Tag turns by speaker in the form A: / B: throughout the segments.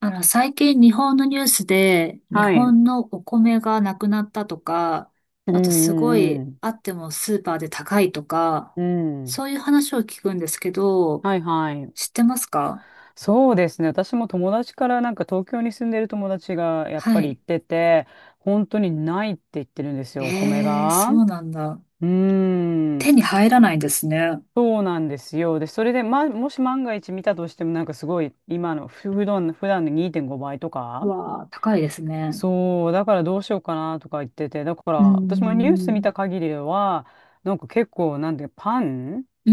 A: 最近日本のニュースで、日
B: はい。
A: 本のお米がなくなったとか、
B: う
A: あとすご
B: ん
A: い、
B: うん
A: あってもスーパーで高いとか、
B: うん。うん。
A: そういう話を聞くんですけど、
B: はいはい。
A: 知ってますか？
B: そうですね。私も友達からなんか東京に住んでる友達がやっ
A: は
B: ぱり言っ
A: い。
B: てて、本当にないって言ってるんですよ、お米
A: ええ、
B: が。
A: そ
B: う
A: うなんだ。
B: ーん。
A: 手に入らないんですね。
B: そうなんですよ。で、それで、ま、もし万が一見たとしてもなんかすごい今のふ普段、普段の2.5倍と
A: う
B: か。
A: わあ、高いですね。
B: そう、だからどうしようかなとか言ってて、だから
A: うー
B: 私もニュース見
A: ん。
B: た限りでは、なんか結構なんでパン
A: うー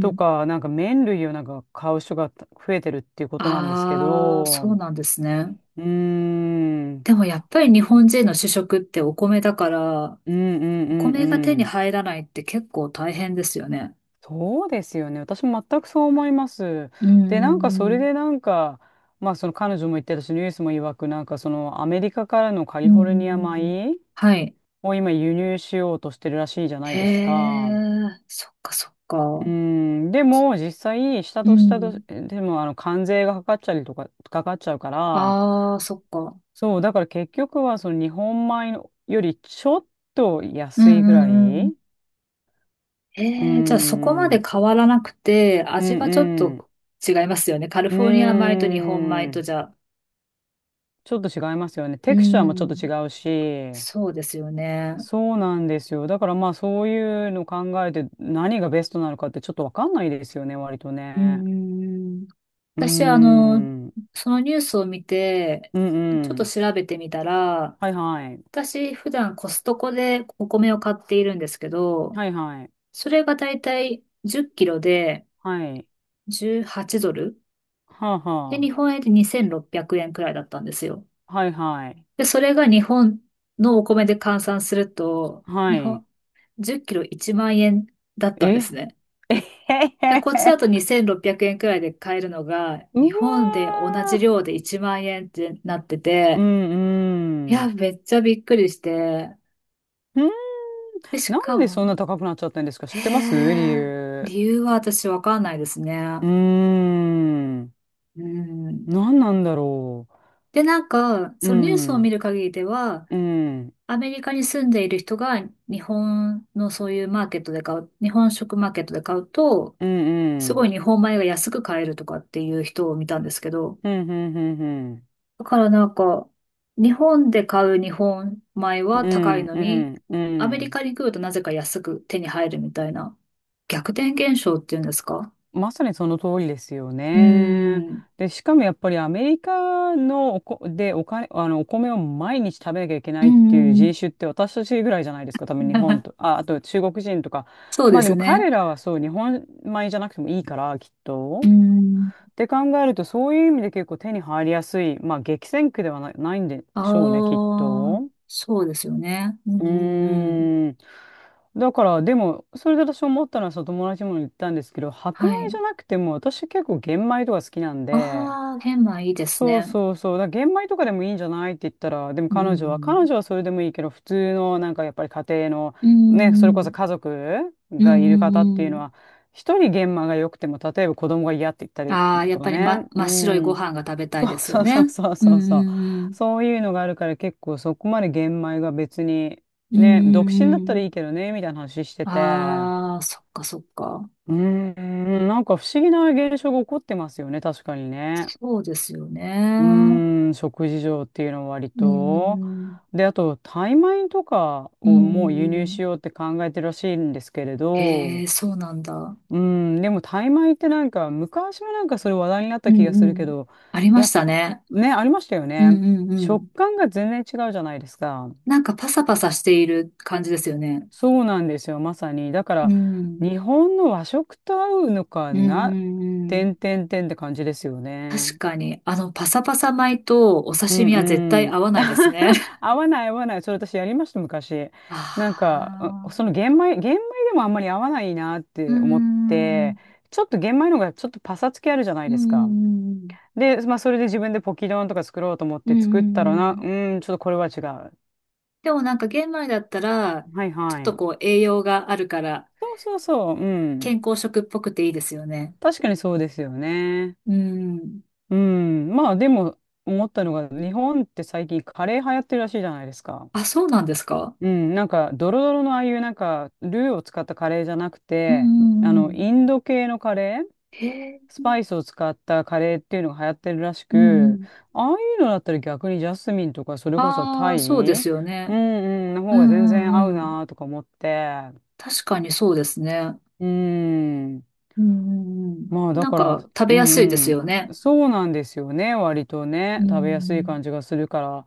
B: とか、なんか麺類をなんか買う人が増えてるっていうことなんですけ
A: ああ、
B: ど、
A: そう
B: う
A: なんですね。
B: ーん、うん
A: でもやっぱり日本人の主食ってお米だから、
B: うんう
A: お
B: ん
A: 米が
B: う
A: 手に
B: ん。
A: 入らないって結構大変ですよね。
B: そうですよね。私も全くそう思います。
A: う
B: で、なんかそれ
A: ん、
B: でなんか、まあその彼女も言ってたし、ニュースも曰く、なんかそのアメリカからのカ
A: う
B: リフォルニア
A: ん、
B: 米
A: はい。
B: を今輸入しようとしてるらしいじゃない
A: へ
B: ですか。
A: え、そっかそっ
B: う
A: か。
B: ん、でも実際、下
A: う
B: と下と、
A: ん、
B: でもあの関税がかかっちゃりとか、かかっちゃうから、
A: ああ、そっか。
B: そう、だから結局はその日本米のよりちょっと
A: うん、
B: 安いぐ
A: う
B: らい。
A: んうん、
B: うーん、
A: ええ、じゃあそこま
B: う
A: で
B: ん
A: 変わらなくて、
B: う
A: 味がちょっ
B: ん、
A: と違いますよね。カリ
B: う
A: フォルニア米と日本米
B: ー
A: と
B: ん。
A: じゃ、
B: ちょっと違いますよね。
A: う
B: テクスチャーもちょっと違
A: ん、
B: うし。
A: そうですよね。
B: そうなんですよ。だからまあそういうの考えて何がベストなのかってちょっとわかんないですよね、割と
A: う
B: ね。
A: ん、
B: うー
A: 私、
B: ん、うん
A: そのニュースを見て、
B: う
A: ちょっと
B: ん。
A: 調べてみたら、
B: はいはい。
A: 私、普段コストコでお米を買っているんですけど、
B: はいはい。
A: それがだいたい10キロで
B: はい。
A: 18ドル。
B: はあ
A: で、日
B: は
A: 本円で2600円くえんくらいだったんですよ。
B: あ。はいはい。
A: で、それが日本のお米で換算すると、
B: は
A: 日
B: い。
A: 本、10キロ1万円だったんで
B: え
A: すね。
B: えへへ
A: で
B: へ
A: こっちだ
B: へ
A: と 2600円くえんくらいで買えるのが、
B: う
A: 日本で同
B: わ
A: じ
B: ー。
A: 量で1万円ってなって
B: う
A: て、
B: ん
A: い
B: う
A: や、
B: ん。
A: めっちゃびっくりして、
B: うん。
A: で、し
B: なん
A: か
B: でそ
A: も、
B: んな高くなっちゃったんですか？知
A: へ
B: ってます？理
A: え、
B: 由。
A: 理由は私わかんないです
B: う
A: ね。
B: ーん。
A: うん。
B: なんなんだろ
A: で、なんか、
B: う。う
A: そのニュースを見
B: ん。
A: る限りでは、
B: うん。
A: アメリカに住んでいる人が日本のそういうマーケットで買う、日本食マーケットで買うと、
B: うんう
A: すご
B: ん。
A: い日本米が安く買えるとかっていう人を見たんですけど、
B: うんうんうんうん。
A: だからなんか、日本で買う日本米
B: う
A: は高い
B: ん
A: の
B: う
A: に、
B: んう
A: アメリ
B: ん。
A: カに来るとなぜか安く手に入るみたいな、逆転現象っていうんですか？
B: まさにその通りですよ
A: う
B: ね。
A: ん。
B: で、しかもやっぱりアメリカのおこ、でお金、あの、お米を毎日食べなきゃいけな
A: うん
B: いっ
A: う
B: ていう
A: んうん
B: 人種って私たちぐらいじゃないですか。多分日本と、あ、あと中国人とか。
A: そう
B: ま
A: で
B: あで
A: す
B: も
A: ね。
B: 彼らはそう、日本米じゃなくてもいいから、きっ
A: う
B: と。
A: ん。
B: って考えると、そういう意味で結構手に入りやすい。まあ激戦区ではな、ないんでしょうね、きっ
A: ああ、
B: と。
A: そうですよね。う
B: う
A: んうんうん。
B: ーん。だから、でも、それで私思ったのは、その友達にも言ったんですけど、白
A: は
B: 米じ
A: い。
B: ゃなくても、私結構玄米とか好きなんで、
A: ああ、玄米いいです
B: そう
A: ね。
B: そうそう、だから玄米とかでもいいんじゃないって言ったら、でも
A: う
B: 彼女は、
A: ん。
B: 彼女はそれでもいいけど、普通のなんかやっぱり家庭の、
A: う
B: ね、それ
A: んう
B: こ
A: ん。
B: そ家族
A: うん
B: がいる方ってい
A: う
B: う
A: んう
B: の
A: ん。
B: は、一人玄米が良くても、例えば子供が嫌って言ったり
A: ああ、やっ
B: と
A: ぱ
B: か
A: り、
B: ね、
A: ま、
B: う
A: 真っ白いご
B: ん。
A: 飯が食べたいで すよ
B: そうそう
A: ね。
B: そう
A: う
B: そうそう。
A: んうん
B: そういうのがあるから結構そこまで玄米が別に、
A: うん。う
B: ね、独身
A: ん
B: だった
A: う
B: らいい
A: ん
B: けどね、みたいな話して
A: うん。
B: て。
A: ああ、そっかそっか。
B: うーん、なんか不思議な現象が起こってますよね、確かにね。
A: そうですよ
B: う
A: ね。
B: ーん、食事上っていうのは割
A: う
B: と。
A: ん。
B: で、あと、タイ米とか
A: うんう
B: をもう輸
A: んう
B: 入
A: ん。
B: しようって考えてるらしいんですけれ
A: え
B: ど、
A: え、そうなんだ。
B: うん、でもタイ米ってなんか昔もなんかそれ話題になっ
A: う
B: た気がす
A: んう
B: るけ
A: ん。
B: ど、
A: あり
B: い
A: まし
B: や、
A: たね。
B: ね、ありましたよ
A: うん
B: ね。
A: うんう
B: 食
A: ん。
B: 感が全然違うじゃないですか。
A: なんかパサパサしている感じですよね。
B: そうなんですよ、まさに。だか
A: う
B: ら
A: ん。
B: 日本の和食と合うのか
A: うんう
B: な、
A: んう
B: て
A: ん。
B: んてんてんって感じですよ
A: 確
B: ね。
A: かに、パサパサ米とお
B: う
A: 刺
B: ん
A: 身は絶対
B: うん。
A: 合わないですね。
B: 合わない合わない。それ私やりました、昔。なん
A: あ
B: か、うそ
A: あ。
B: の玄米でもあんまり合わないなっ
A: うー
B: て思って、
A: ん。
B: ちょっと玄米の方がちょっとパサつきあるじゃない
A: う
B: ですか。
A: んうん
B: で、まあ、それで自分でポキ丼とか作ろうと思っ
A: うん
B: て
A: うん。うん
B: 作った
A: う
B: ら
A: ん
B: な、
A: う
B: う
A: ん。
B: ーん、ちょっとこれは違う。は
A: でもなんか玄米だったら、
B: い
A: ちょっ
B: は
A: と
B: い。
A: こう栄養があるから、
B: そうそうそう、う
A: 健
B: ん。
A: 康食っぽくていいですよね。
B: 確かにそうですよね。
A: うん。
B: うん。まあ、でも、思ったのが、日本って最近カレー流行ってるらしいじゃないですか。
A: あ、そうなんですか？
B: うん、なんか、ドロドロのああいう、なんか、ルーを使ったカレーじゃなく
A: うん
B: て、あ
A: うんう
B: の、
A: ん。
B: インド系のカレー
A: へ
B: ス
A: え。
B: パイスを使ったカレーっていうのが流行ってるらし
A: うんう
B: く、
A: ん。
B: ああいうのだったら逆にジャスミンとかそれこそタ
A: ああ、
B: イ、
A: そうで
B: う
A: すよ
B: んう
A: ね。
B: ん、の
A: う
B: 方が全
A: ん
B: 然合
A: う
B: う
A: んうん。
B: なーとか思って、
A: 確かにそうですね。
B: うん、
A: うんうんうん。
B: まあだ
A: なん
B: から、
A: か食べ
B: う
A: やすいです
B: ん
A: よ
B: う
A: ね。
B: ん、そうなんですよね、割と
A: う
B: ね、食べやすい
A: ん。
B: 感じがするから、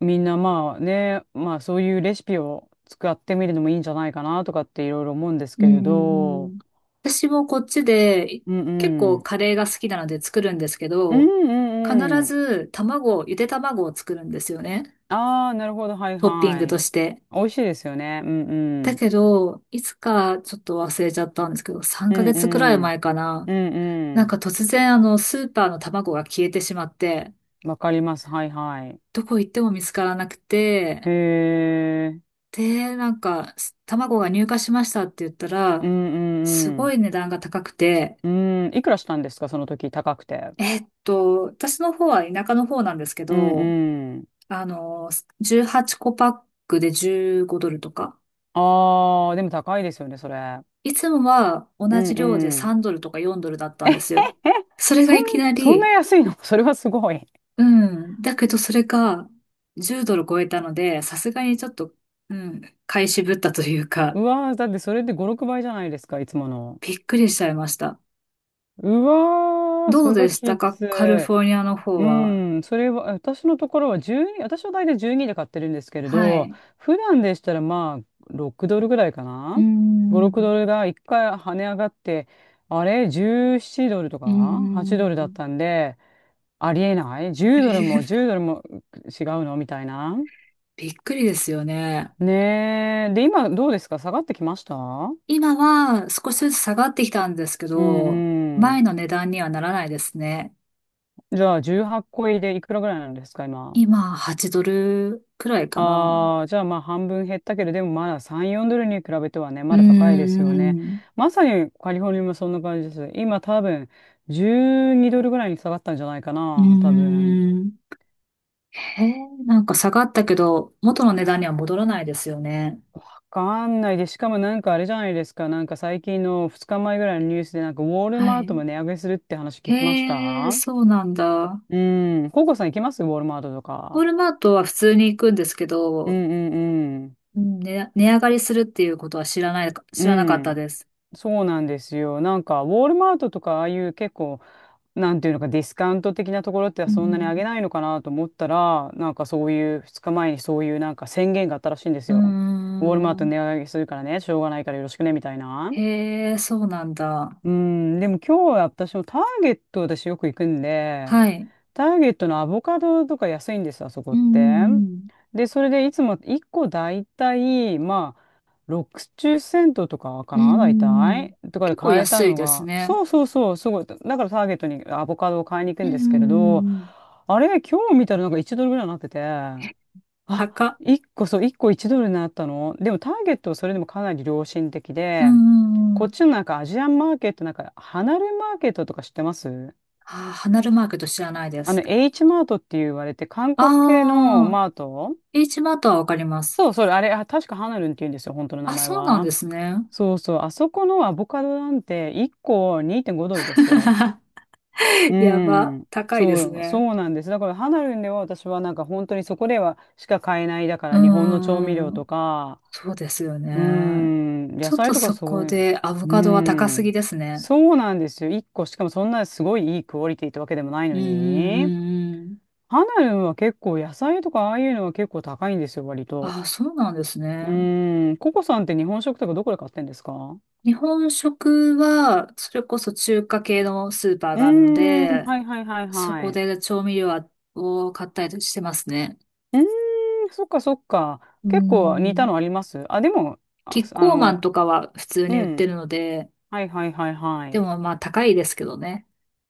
B: みんなまあね、まあそういうレシピを使ってみるのもいいんじゃないかなとかっていろいろ思うんです
A: う
B: け
A: ん
B: れ
A: うんう
B: ど、
A: ん。私もこっちで
B: うん
A: 結
B: う
A: 構
B: ん、
A: カレーが好きなので作るんですけ
B: うん
A: ど、
B: う
A: 必
B: んうん。
A: ず卵、ゆで卵を作るんですよね。
B: ああ、なるほど。はい
A: トッピン
B: は
A: グと
B: い。
A: して。
B: 美味しいですよね。うんう
A: だ
B: ん。
A: けど、いつかちょっと忘れちゃったんですけど、3
B: うん
A: ヶ月くらい
B: う
A: 前
B: ん。
A: かな。
B: う
A: な
B: ん
A: んか
B: う
A: 突然あのスーパーの卵が消えてしまって、
B: ん。わかります。はいはい。
A: どこ行っても見つからなくて、
B: へえ。
A: で、なんか、卵が入荷しましたって言った
B: う
A: ら、す
B: んう
A: ご
B: ん
A: い値段が高くて、
B: うん。うん。いくらしたんですかその時、高くて。
A: 私の方は田舎の方なんですけ
B: うん
A: ど、
B: うん。
A: あの、18個パックで15ドルとか、
B: ああ、でも高いですよね、それ。
A: いつもは同
B: うん
A: じ量で
B: うん。
A: 3ドルとか4ドルだっ た
B: え
A: ん
B: へ
A: で
B: へ。
A: すよ。それ
B: そ
A: が
B: ん、
A: いきな
B: そんな
A: り、
B: 安いの？ それはすごい。
A: うん、だけどそれが10ドル超えたので、さすがにちょっと、うん、買い渋ったというか、
B: うわー、だってそれで5、6倍じゃないですか、いつもの。
A: びっくりしちゃいました。
B: うわー、
A: ど
B: そ
A: う
B: れ
A: で
B: は
A: した
B: き
A: か
B: つ
A: カリ
B: い。
A: フォルニアの方
B: う
A: は？
B: ん、それは、私のところは12、私は大体12で買ってるんですけれ
A: は
B: ど、
A: い。
B: 普段でしたらまあ6ドルぐらいか
A: う
B: な。
A: ー
B: 5、6
A: ん。
B: ドルが1回跳ね上がって、あれ、17ドルとか
A: う
B: 8
A: ー
B: ドルだっ
A: ん。
B: たんで、ありえない？ 10 ドルも10 ドルも違うのみたいな。
A: びっくりですよね。
B: ねえ。で、今どうですか？下がってきました？う
A: 今は少しずつ下がってきたんですけ
B: ん
A: ど、
B: う
A: 前
B: ん。
A: の値段にはならないですね。
B: じゃあ18個入りでいくらぐらいなんですか今？
A: 今、8ドルくらいかな。
B: ああ、じゃあまあ半分減ったけど、でもまだ3、4ドルに比べてはね、
A: うー
B: まだ高いですよね。
A: ん。
B: まさにカリフォルニアもそんな感じです。今多分12ドルぐらいに下がったんじゃないか
A: うー
B: な、多分。
A: ん。へえ、なんか下がったけど、元の値段には戻らないですよね。
B: わかんないで、しかもなんかあれじゃないですか、なんか最近の2日前ぐらいのニュースでなんかウォール
A: は
B: マー
A: い。
B: トも値上げするって話聞きまし
A: へえ、
B: た。
A: そうなんだ。
B: うん。ココさん行きます？ウォールマートと
A: ウォー
B: か。
A: ルマートは普通に行くんですけ
B: うん
A: ど、
B: うんうん。
A: うん、ね、値上がりするっていうことは
B: う
A: 知らなかった
B: ん。
A: です。
B: そうなんですよ。なんか、ウォールマートとか、ああいう結構、なんていうのか、ディスカウント的なところって
A: う
B: そんなに
A: ん
B: 上げないのかなと思ったら、なんかそういう2日前にそういうなんか宣言があったらしいんです
A: う
B: よ。ウォルマー
A: んうー
B: ト
A: ん。
B: 値上げするからね、しょうがないからよろしくね、みたいな。
A: へえ、そうなんだ。
B: うん、でも今日は私もターゲット私よく行くんで、
A: はい。
B: ターゲットのアボカドとか安いんですよ、あそこ
A: う
B: って。
A: ん。
B: で、それでいつも1個だいたい、まあ、60セントとか
A: う
B: か
A: んう
B: な大
A: んうん。
B: 体とかで
A: 結構
B: 買えた
A: 安い
B: の
A: です
B: が、
A: ね。
B: そうそうそう、すごい。だからターゲットにアボカドを買いに行く
A: う
B: んで
A: んう
B: すけれど、
A: んうん
B: あれ、今日見たらなんか1ドルぐらいになってて、
A: え
B: あ、
A: 高っ。
B: 1個そう、1個1ドルになったの。でもターゲットはそれでもかなり良心的
A: うん
B: で、
A: うんう
B: こ
A: ん。
B: っちのなんかアジアンマーケット、なんか離れマーケットとか知ってます？
A: ああ、離るマーケット知らないで
B: あ
A: す。
B: の、H マートって言われて、韓国系の
A: ああ、
B: マート。
A: H マートはわかります。
B: そう、それ、あれ、あ確かハナルンって言うんですよ、本当の名
A: あ、
B: 前
A: そうなん
B: は。
A: ですね。
B: そうそう、あそこのアボカドなんて1個2.5ドルですよ。う
A: やば。
B: ん。
A: 高いです
B: そう、
A: ね。
B: そうなんです。だからハナルんでは私はなんか本当にそこではしか買えない。だか
A: う
B: ら日本の調味
A: ん
B: 料
A: うん
B: とか、
A: そうですよ
B: うー
A: ね。
B: ん、
A: ち
B: 野
A: ょっ
B: 菜
A: と
B: とか
A: そ
B: そ
A: こ
B: ういうの。
A: でアボ
B: うー
A: カドは高すぎ
B: ん、
A: ですね。
B: そうなんですよ。1個しかもそんなすごいいいクオリティってわけでもない
A: うん
B: の
A: うんう
B: に。
A: んうん
B: ハナルンは結構野菜とかああいうのは結構高いんですよ、割と。
A: ああ、そうなんです
B: う
A: ね。
B: ーん、ココさんって日本食とかどこで買ってんですか？
A: 日本食は、それこそ中華系のスーパー
B: うー
A: があるの
B: ん。
A: で、
B: はいはいはい
A: そ
B: は
A: こ
B: い。
A: で調味料を買ったりしてますね。
B: うーん、そっかそっか。
A: う
B: 結構似た
A: ん。
B: のあります？あ、でも、
A: キ
B: あ、
A: ッ
B: あ
A: コーマン
B: の、
A: とかは普通
B: う
A: に売って
B: ん。
A: るので、
B: はいはいはいは
A: で
B: い。
A: もまあ高いですけどね。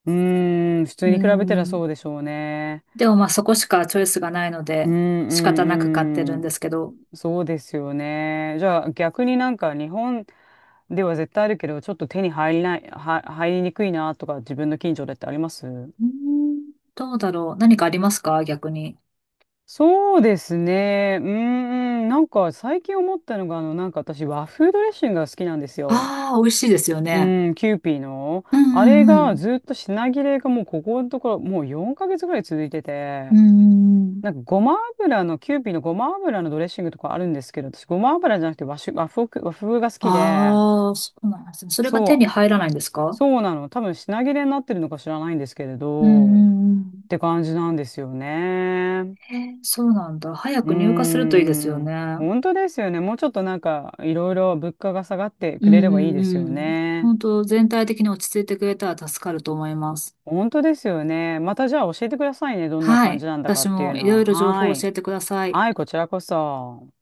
B: うーん、普通
A: う
B: に比べたら
A: ん。
B: そうでしょうね。
A: でもまあそこしかチョイスがないの
B: うん
A: で、仕方な
B: う
A: く買って
B: ん
A: る
B: う
A: ん
B: ん。
A: ですけど。
B: そうですよね。じゃあ逆になんか日本では絶対あるけど、ちょっと手に入りにくいなとか自分の近所でってあります？
A: うーんどうだろう。何かありますか逆に？
B: そうですね。うーん、なんか最近思ったのが、あの、なんか私和風ドレッシングが好きなんですよ。
A: ああ、美味しいですよね。
B: うん、キューピーの。
A: うん
B: あれ
A: うんう
B: が
A: ん。
B: ずっと品切れがもうここのところもう4ヶ月ぐらい続いて
A: うん
B: て、
A: うんうん。
B: なんかごま油の、キューピーのごま油のドレッシングとかあるんですけど、私ごま油じゃなくて和風が好きで、
A: ああ、そうなんですね。それが手に
B: そう、
A: 入らないんですか？
B: そうなの。多分品切れになってるのか知らないんですけれ
A: うんう
B: ど、っ
A: んうん。
B: て感じなんですよね。
A: へえ、そうなんだ。早
B: うー
A: く入荷するといいですよね。
B: ん、本当ですよね。もうちょっとなんかいろいろ物価が下がって
A: う
B: くれればいい
A: んうん
B: ですよ
A: うん。
B: ね。
A: 本当全体的に落ち着いてくれたら助かると思います。
B: 本当ですよね。またじゃあ教えてくださいね。どんな
A: は
B: 感
A: い。
B: じなんだか
A: 私
B: っていう
A: もいろ
B: のは。
A: いろ情報
B: は
A: を教
B: い。
A: えてください。
B: はい、こちらこそ。